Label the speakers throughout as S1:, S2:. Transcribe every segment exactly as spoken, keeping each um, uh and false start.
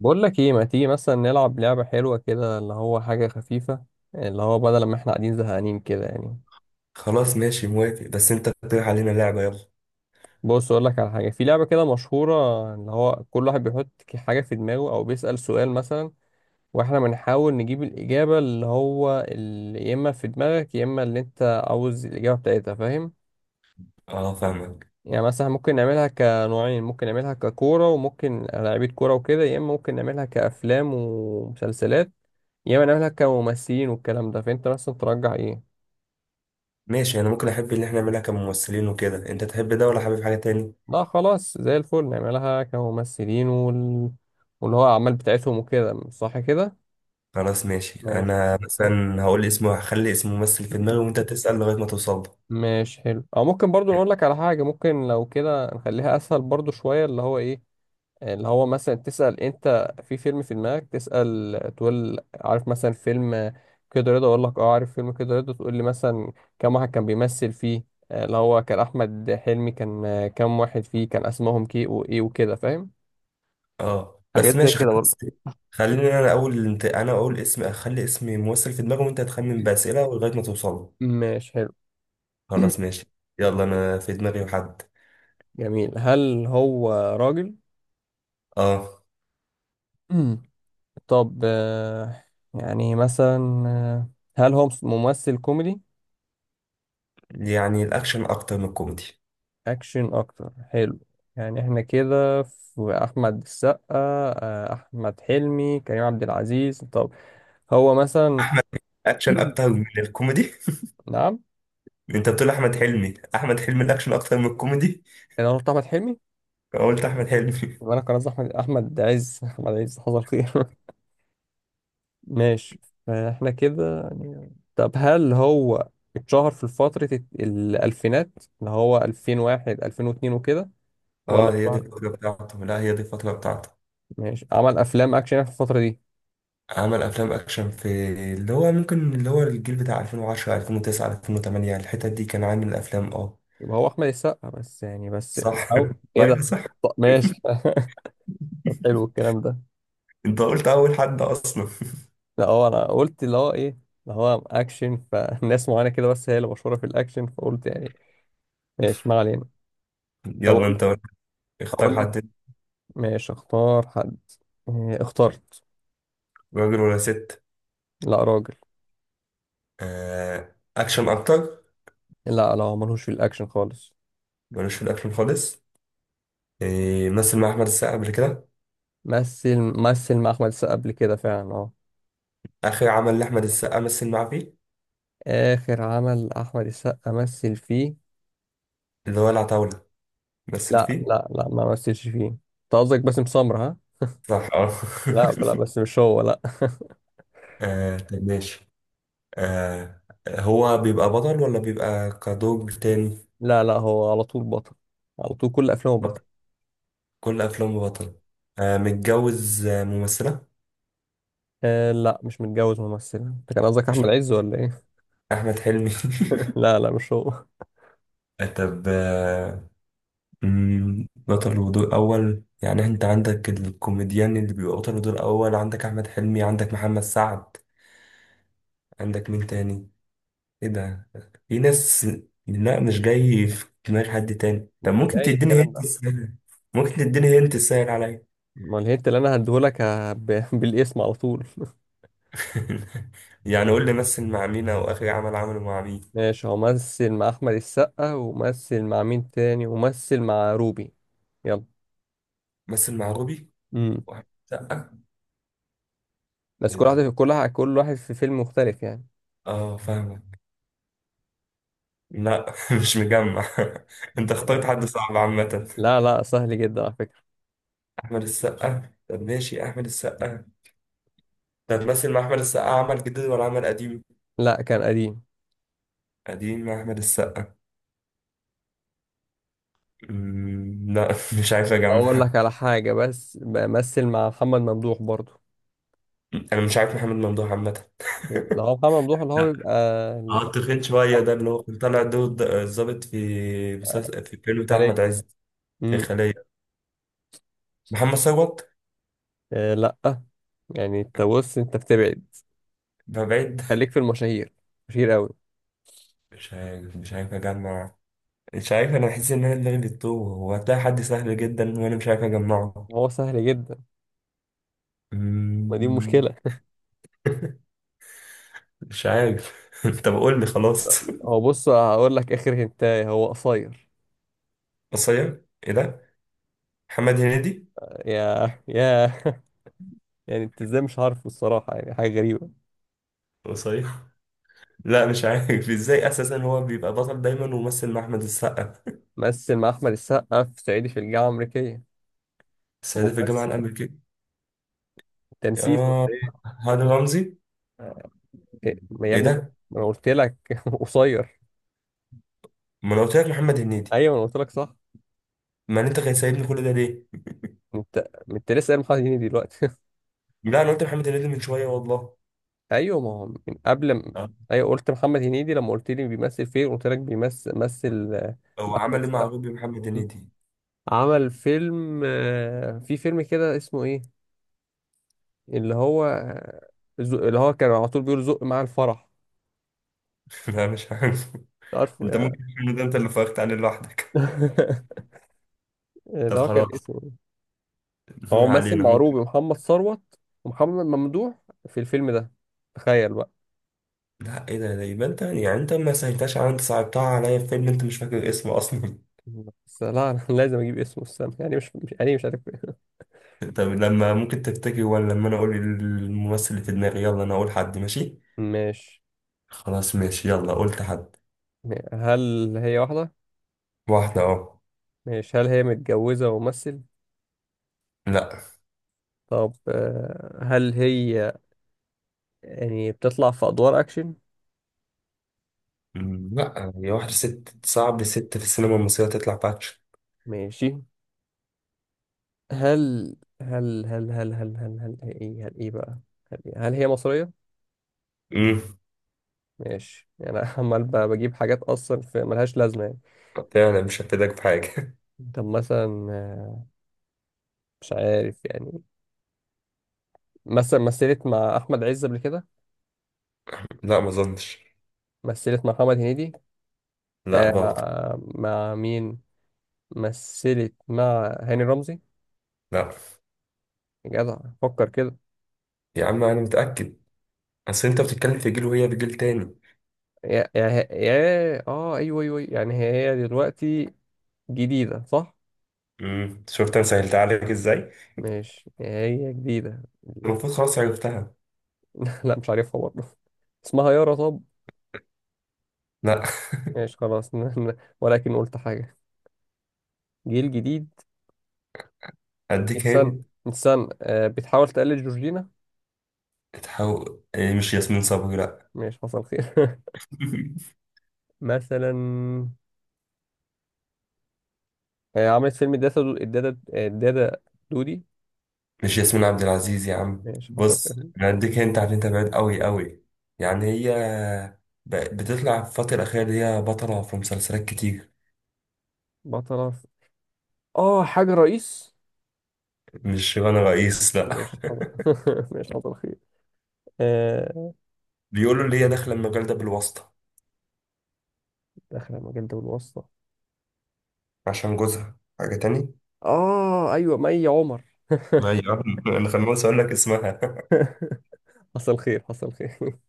S1: بقول لك ايه، ما تيجي مثلا نلعب لعبة حلوة كده؟ اللي هو حاجة خفيفة. اللي هو بدل ما احنا قاعدين زهقانين كده يعني.
S2: خلاص، ماشي، موافق. بس انت اقترح علينا لعبة، يلا.
S1: بص اقول لك على حاجة. في لعبة كده مشهورة اللي هو كل واحد بيحط ك- حاجة في دماغه او بيسأل سؤال مثلا، واحنا بنحاول نجيب الإجابة اللي هو ال- يا اما في دماغك يا اما اللي انت عاوز الإجابة بتاعتها. فاهم؟
S2: اه، فاهمك.
S1: يعني مثلا ممكن نعملها كنوعين. ممكن نعملها ككورة وممكن لعيبة كورة وكده، يا اما ممكن نعملها كأفلام ومسلسلات، يا اما نعملها كممثلين والكلام ده. فانت مثلا ترجح ايه؟
S2: ماشي، انا ممكن احب اللي احنا نعملها كممثلين وكده. انت تحب ده ولا حابب حاجة تاني؟
S1: لا خلاص، زي الفل نعملها كممثلين وال... واللي هو أعمال بتاعتهم وكده، صح كده.
S2: خلاص ماشي،
S1: ماشي
S2: انا
S1: زي الفل.
S2: مثلا هقول اسمه، هخلي اسم ممثل في دماغي وانت تسأل لغاية ما توصل له.
S1: ماشي حلو. او ممكن برضو نقول لك على حاجه، ممكن لو كده نخليها اسهل برضو شويه. اللي هو ايه، اللي هو مثلا تسال انت في فيلم في دماغك، تسال تقول عارف مثلا فيلم كده رضا؟ اقول لك اه عارف فيلم كده رضا، تقول لي مثلا كم واحد كان بيمثل فيه. آه، اللي هو كان احمد حلمي، كان آه، كم واحد فيه كان اسمهم كي وايه وكده. فاهم؟
S2: اه
S1: حاجات
S2: بس
S1: زي
S2: ماشي
S1: كده برضو.
S2: خلاص. خليني انا اقول، انت انا اقول اسم، اخلي اسم ممثل في دماغي وانت تخمن بأسئلة لغاية ما توصل له.
S1: ماشي حلو.
S2: خلاص ماشي. يلا، انا في دماغي حد.
S1: جميل. هل هو راجل؟
S2: اه،
S1: طب، آه، يعني مثلا، آه، هل هو مس- ممثل كوميدي؟
S2: يعني الاكشن اكتر من الكوميدي.
S1: اكشن اكتر، حلو. يعني احنا كده في احمد السقا، آه، احمد حلمي، كريم عبد العزيز. طب هو مثلا.
S2: اكشن اكتر من الكوميدي؟
S1: نعم.
S2: انت بتقول احمد حلمي؟ احمد حلمي الاكشن اكتر من الكوميدي؟
S1: انا قلت احمد حلمي،
S2: فقلت احمد حلمي.
S1: وانا كان قصدي احمد احمد عز. احمد عز، حصل خير. ماشي. فاحنا كده يعني. طب هل هو اتشهر في فترة الت- الألفينات، اللي هو ألفين وواحد ألفين واثنين وكده؟ ولا
S2: اه، هي دي
S1: اتشهر؟
S2: الفتره بتاعته. لا، هي دي الفتره بتاعته.
S1: ماشي. عمل أفلام أكشن في الفترة دي.
S2: عمل افلام اكشن في، اللي هو ممكن اللي هو الجيل بتاع ألفين وعشرة ألفين وتسعة ألفين وتمانية، الحتت دي كان عامل افلام. اه
S1: يبقى هو أحمد السقا بس يعني، بس
S2: صح.
S1: أو إيه
S2: لا يا
S1: ده؟
S2: صح.
S1: طب ماشي. طب حلو الكلام ده.
S2: انت قلت اول حد اصلا.
S1: لا، هو أنا قلت اللي هو إيه، اللي هو أكشن، فالناس معينة كده بس هي اللي مشهورة في الأكشن، فقلت يعني. ماشي، ما علينا. طب
S2: يلا
S1: أقول،
S2: انت قول. اختار
S1: أقول لك.
S2: حد.
S1: ماشي، اختار حد. إيه، اخترت.
S2: راجل ولا ست؟
S1: لا راجل.
S2: آه، اكشن اكتر؟
S1: لا لا، هو ملهوش في الأكشن خالص.
S2: ملوش في الاكشن خالص؟ آه، مثل مع احمد السقا قبل كده؟
S1: مثل مثل مع أحمد السقا قبل كده فعلا، اه.
S2: اخر عمل لاحمد السقا مثل معاه فيه؟
S1: آخر عمل أحمد السقا مثل فيه؟
S2: اللي هو العتاولة، مثل
S1: لا
S2: فيه؟
S1: لا لا، ما مثلش فيه. أنت قصدك باسم سمرة، ها؟
S2: صح اه.
S1: لا لا، بس مش هو، لا.
S2: آه، طب ماشي. آه، هو بيبقى بطل ولا بيبقى كدور تاني؟
S1: لا لا، هو على طول بطل. على طول كل أفلامه بطل.
S2: بطل. كل أفلامه بطل؟ آه، متجوز آه، ممثلة؟
S1: آه لا، مش متجوز ممثل. أنت كان قصدك أحمد عز ولا إيه؟
S2: أحمد حلمي.
S1: لا لا، مش هو.
S2: آه، طب آه مم، بطل ودور أول، يعني أنت عندك الكوميديان اللي بيبقى بطل ودور أول، عندك أحمد حلمي، عندك محمد سعد. عندك مين تاني؟ ايه ده؟ في ناس؟ لا، مش جاي في دماغ حد تاني. طب
S1: ده
S2: ممكن
S1: ايه
S2: تديني
S1: الكلام
S2: هنت
S1: ده؟
S2: السهل؟ ممكن تديني هنت السهل عليا؟
S1: أمال الهنت اللي أنا هديهولك ه- ب- بالاسم على طول.
S2: يعني قول لي مثل مع مين، او اخر عمل عمله مع مين.
S1: ماشي، هو مثل مع احمد السقا، ومثل مع مين تاني، ومثل مع روبي. يلا.
S2: مثل مع روبي؟
S1: امم.
S2: واحد سقا؟
S1: بس
S2: ايه
S1: كل واحد
S2: ده؟
S1: كل واحد كل واحد في فيلم مختلف يعني.
S2: اه فاهمك. لا، مش مجمع. انت اخترت
S1: يعني
S2: حد صعب عامة.
S1: لا لا، سهل جدا على فكرة.
S2: احمد السقا؟ طب ماشي، احمد السقا. طب مثل مع احمد السقا عمل جديد ولا عمل قديم؟
S1: لا كان قديم.
S2: قديم مع احمد السقا. أمم، لا، مش عارف
S1: اقول
S2: اجمع.
S1: لك على حاجة، بس بمثل مع محمد ممدوح برضو.
S2: انا مش عارف محمد ممدوح عامه.
S1: لا هو محمد ممدوح اللي هو بيبقى
S2: اه،
S1: ال-
S2: التخين شويه ده،
S1: اه
S2: اللي هو كان طالع دور د- الضابط في مسلسل في الفيلم بتاع احمد
S1: الخلية.
S2: عز؟
S1: امم.
S2: الخليه؟ محمد ثروت؟
S1: آه لا. يعني انت بص، انت بتبعد.
S2: بقى بعيد؟
S1: خليك في المشاهير، مشاهير قوي.
S2: مش عارف مش عارف اجمع. مش عارف، انا بحس ان انا دماغي بتتوه. هو هتلاقي حد سهل جدا وانا مش عارف اجمعه.
S1: هو سهل جدا. ما دي
S2: أمم،
S1: مشكلة.
S2: مش عارف. طب قول لي خلاص.
S1: هو بص، هقول لك اخر هنتايه، هو قصير.
S2: قصير؟ ايه ده؟ محمد هنيدي.
S1: يا يا. يعني انت ازاي مش عارفه الصراحة، يعني حاجة غريبة.
S2: قصير؟ لا مش عارف ازاي اساسا هو بيبقى بطل دايما وممثل مع احمد السقا.
S1: مثل مع أحمد السقا في صعيدي في الجامعة الأمريكية.
S2: السيدة في الجامعة
S1: ومثل،
S2: الأمريكية؟
S1: أنت نسيت ولا
S2: اه.
S1: إيه؟
S2: هاني رمزي؟
S1: إيه، ما يا
S2: ايه
S1: ابني، ما
S2: ده؟
S1: أنا قلت لك. قصير.
S2: ما انا قلت لك محمد هنيدي.
S1: أيوه ما أنا قلت لك، صح.
S2: ما انت كان سايبني كل ده ليه؟
S1: أنت أنت لسه قايل محمد هنيدي دلوقتي.
S2: لا انا قلت محمد هنيدي من شويه والله.
S1: أيوه، ما هو من قبل ما.
S2: آه.
S1: أيوه، قلت محمد هنيدي لما قلت لي بيمثل فين، قلت لك بيمثل مثل، آه، مع
S2: هو
S1: أحمد
S2: عمل ايه مع
S1: السقا.
S2: روبي محمد هنيدي؟
S1: عمل فيلم، آه، في فيلم كده اسمه إيه؟ اللي هو آه، زو- اللي هو كان على طول بيقول زق مع الفرح.
S2: لا مش عارف.
S1: عارفه
S2: انت ممكن
S1: يا.
S2: تعمل ده، انت اللي فرقت عليه لوحدك. طب
S1: اللي هو كان
S2: خلاص.
S1: اسمه إيه؟ هو
S2: ما
S1: ممثل
S2: علينا،
S1: مع
S2: ممكن.
S1: روبي، محمد ثروت، ومحمد ممدوح في الفيلم ده. تخيل بقى.
S2: لا، ايه ده ده يبقى انت يعني انت ما سهلتهاش على، انت صعبتها عليا في فيلم انت مش فاكر اسمه اصلا.
S1: بس لا انا لازم اجيب اسمه، استنى. يعني مش مش يعني مش عارف.
S2: طب لما ممكن تفتكر؟ ولا لما انا اقول الممثل اللي في دماغي؟ يلا انا اقول حد، ماشي.
S1: ماشي.
S2: خلاص ماشي، يلا قلت حد.
S1: هل هي واحدة؟
S2: واحده اهو.
S1: ماشي. هل هي متجوزة وممثل؟
S2: لا.
S1: طب، آه، هل هي يعني بتطلع في أدوار أكشن؟
S2: مم، لا هي واحدة ست، صعب ست في السينما المصرية تطلع باتش.
S1: ماشي. هل هل هل هل هل هل هل هي إيه، هل إيه بقى؟ هل, إيه؟ هل هي مصرية؟
S2: امم.
S1: ماشي. يعني أنا عمال ب- بجيب حاجات اصلا في ملهاش لازمه يعني.
S2: فعلا مش هفيدك بحاجة.
S1: طب مثلا، آه، مش عارف يعني. مثلا مثلت مع احمد عز قبل كده؟
S2: لا ما اظنش.
S1: مثلت مع محمد هنيدي؟
S2: لا
S1: آه
S2: برضه.
S1: مع مع مين؟ مثلت مع هاني رمزي؟
S2: لا
S1: يا جدع، فكر كده.
S2: يا عم انا متأكد. اصل انت بتتكلم في جيل وهي في جيل تاني.
S1: يا يا يا، اه، ايوه ايوه أيوة. يعني هي دلوقتي جديده، صح؟
S2: امم، شفت انا سهلتها عليك ازاي؟
S1: مش هي جديده.
S2: المفروض خلاص عرفتها.
S1: لا مش عارفها برضه. اسمها يارا؟ طب
S2: لا،
S1: ماشي، خلاص. ولكن قلت حاجه، جيل جديد.
S2: اديك
S1: استنى،
S2: هند.
S1: استنى آه بتحاول تقلد جورجينا؟
S2: تحاول إيه، مش ياسمين صبري، لا.
S1: ماشي، حصل خير. مثلا، آه عملت فيلم الدادا دو... الدادا آه، الدادا دودي؟
S2: مش ياسمين عبد العزيز يا عم.
S1: ماشي حصل خير.
S2: بص، انا اديك هنت عشان انت بعيد قوي قوي. يعني هي ب- بتطلع في الفترة الأخيرة دي، هي بطلة في مسلسلات كتير.
S1: بطلة في- اه حاجة رئيس؟
S2: مش شيرين رئيس، لا.
S1: ماشي حصل. ماشي حصل خير. آه.
S2: بيقولوا اللي هي داخلة المجال ده بالواسطة،
S1: داخلة مجال ده بالواسطة.
S2: عشان جوزها حاجة تاني.
S1: اه ايوه، مي عمر.
S2: ايوه. انا خلاص اقول لك اسمها.
S1: حصل خير، حصل خير.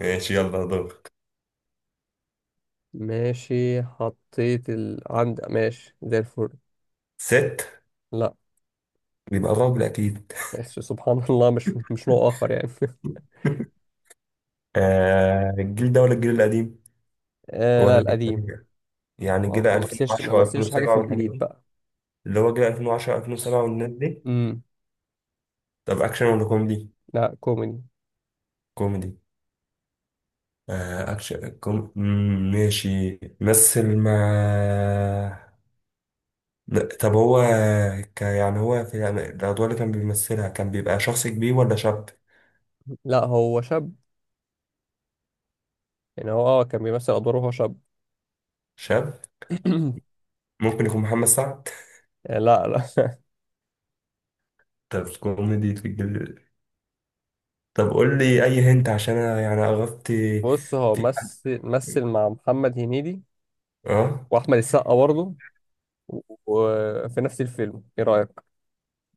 S2: ماشي يلا دورك.
S1: ماشي، حطيت ال... عند. ماشي، زي الفل.
S2: ست؟
S1: لا.
S2: بيبقى راجل اكيد.
S1: ماشي، سبحان الله، مش مش نوع اخر يعني.
S2: آه، الجيل ده ولا الجيل القديم؟
S1: آه
S2: ولا
S1: لا،
S2: الجيل
S1: القديم.
S2: القديم؟ يعني
S1: ما
S2: الجيل
S1: ما مثلش ما
S2: ألفين وعشرة
S1: مثلش حاجة في
S2: ألفين وسبعة والحاجات
S1: الجديد
S2: دي؟
S1: بقى.
S2: اللي هو جيل ألفين وعشرة ألفين وسبعة والناس دي.
S1: امم.
S2: طب اكشن ولا كوميدي؟
S1: لا كوميدي.
S2: كوميدي؟ آه، اكشن كوم... مم، ماشي. مثل مع لا، طب هو، ك... يعني هو في الأم- الأدوار اللي كان بيمثلها كان بيبقى شخص كبير ولا شاب؟
S1: لا هو شاب. يعني هو اه كان بيمثل أدواره وهو شاب.
S2: شاب؟ ممكن يكون محمد سعد؟
S1: يعني لا لا.
S2: طب كوميدي في الجل. طب قول لي أي هنت عشان أنا يعني عرفت.
S1: بص، هو
S2: في حد؟
S1: مثل مثل مع محمد هنيدي
S2: اه.
S1: وأحمد السقا برضه و- وفي نفس الفيلم، إيه رأيك؟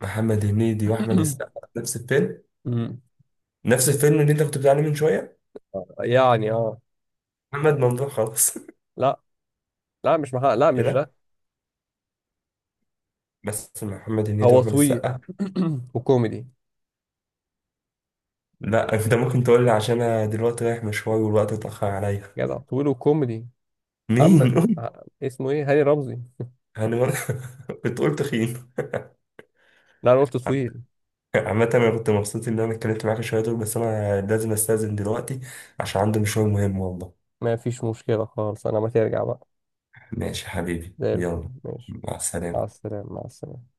S2: محمد هنيدي وأحمد السقا نفس الفيلم؟
S1: امم.
S2: نفس الفيلم اللي أنت كنت بتعلم من شوية؟
S1: يعني اه.
S2: محمد ممدوح خلاص.
S1: لا لا، مش محمد، لا
S2: إيه
S1: مش
S2: ده؟
S1: ده.
S2: بس محمد هنيدي
S1: هو
S2: وأحمد
S1: طويل
S2: السقا.
S1: وكوميدي.
S2: لا أنت ممكن تقول لي، عشان أنا دلوقتي رايح مشوار والوقت اتأخر عليا.
S1: جدع طويل وكوميدي. محمد،
S2: مين؟
S1: ه- اسمه ايه؟ هاني رمزي.
S2: هاني مر- بتقول تخين؟
S1: لا انا قلت طويل.
S2: عامة أنا كنت مبسوط إن أنا اتكلمت معاك شوية دول، بس أنا لازم أستأذن دلوقتي عشان عندي مشوار مهم والله.
S1: ما فيش مشكلة خالص، انا ما ترجع بقى.
S2: ماشي يا حبيبي،
S1: زي الفل،
S2: يلا.
S1: ماشي.
S2: مع
S1: مع
S2: السلامة.
S1: السلامة. مع السلامة،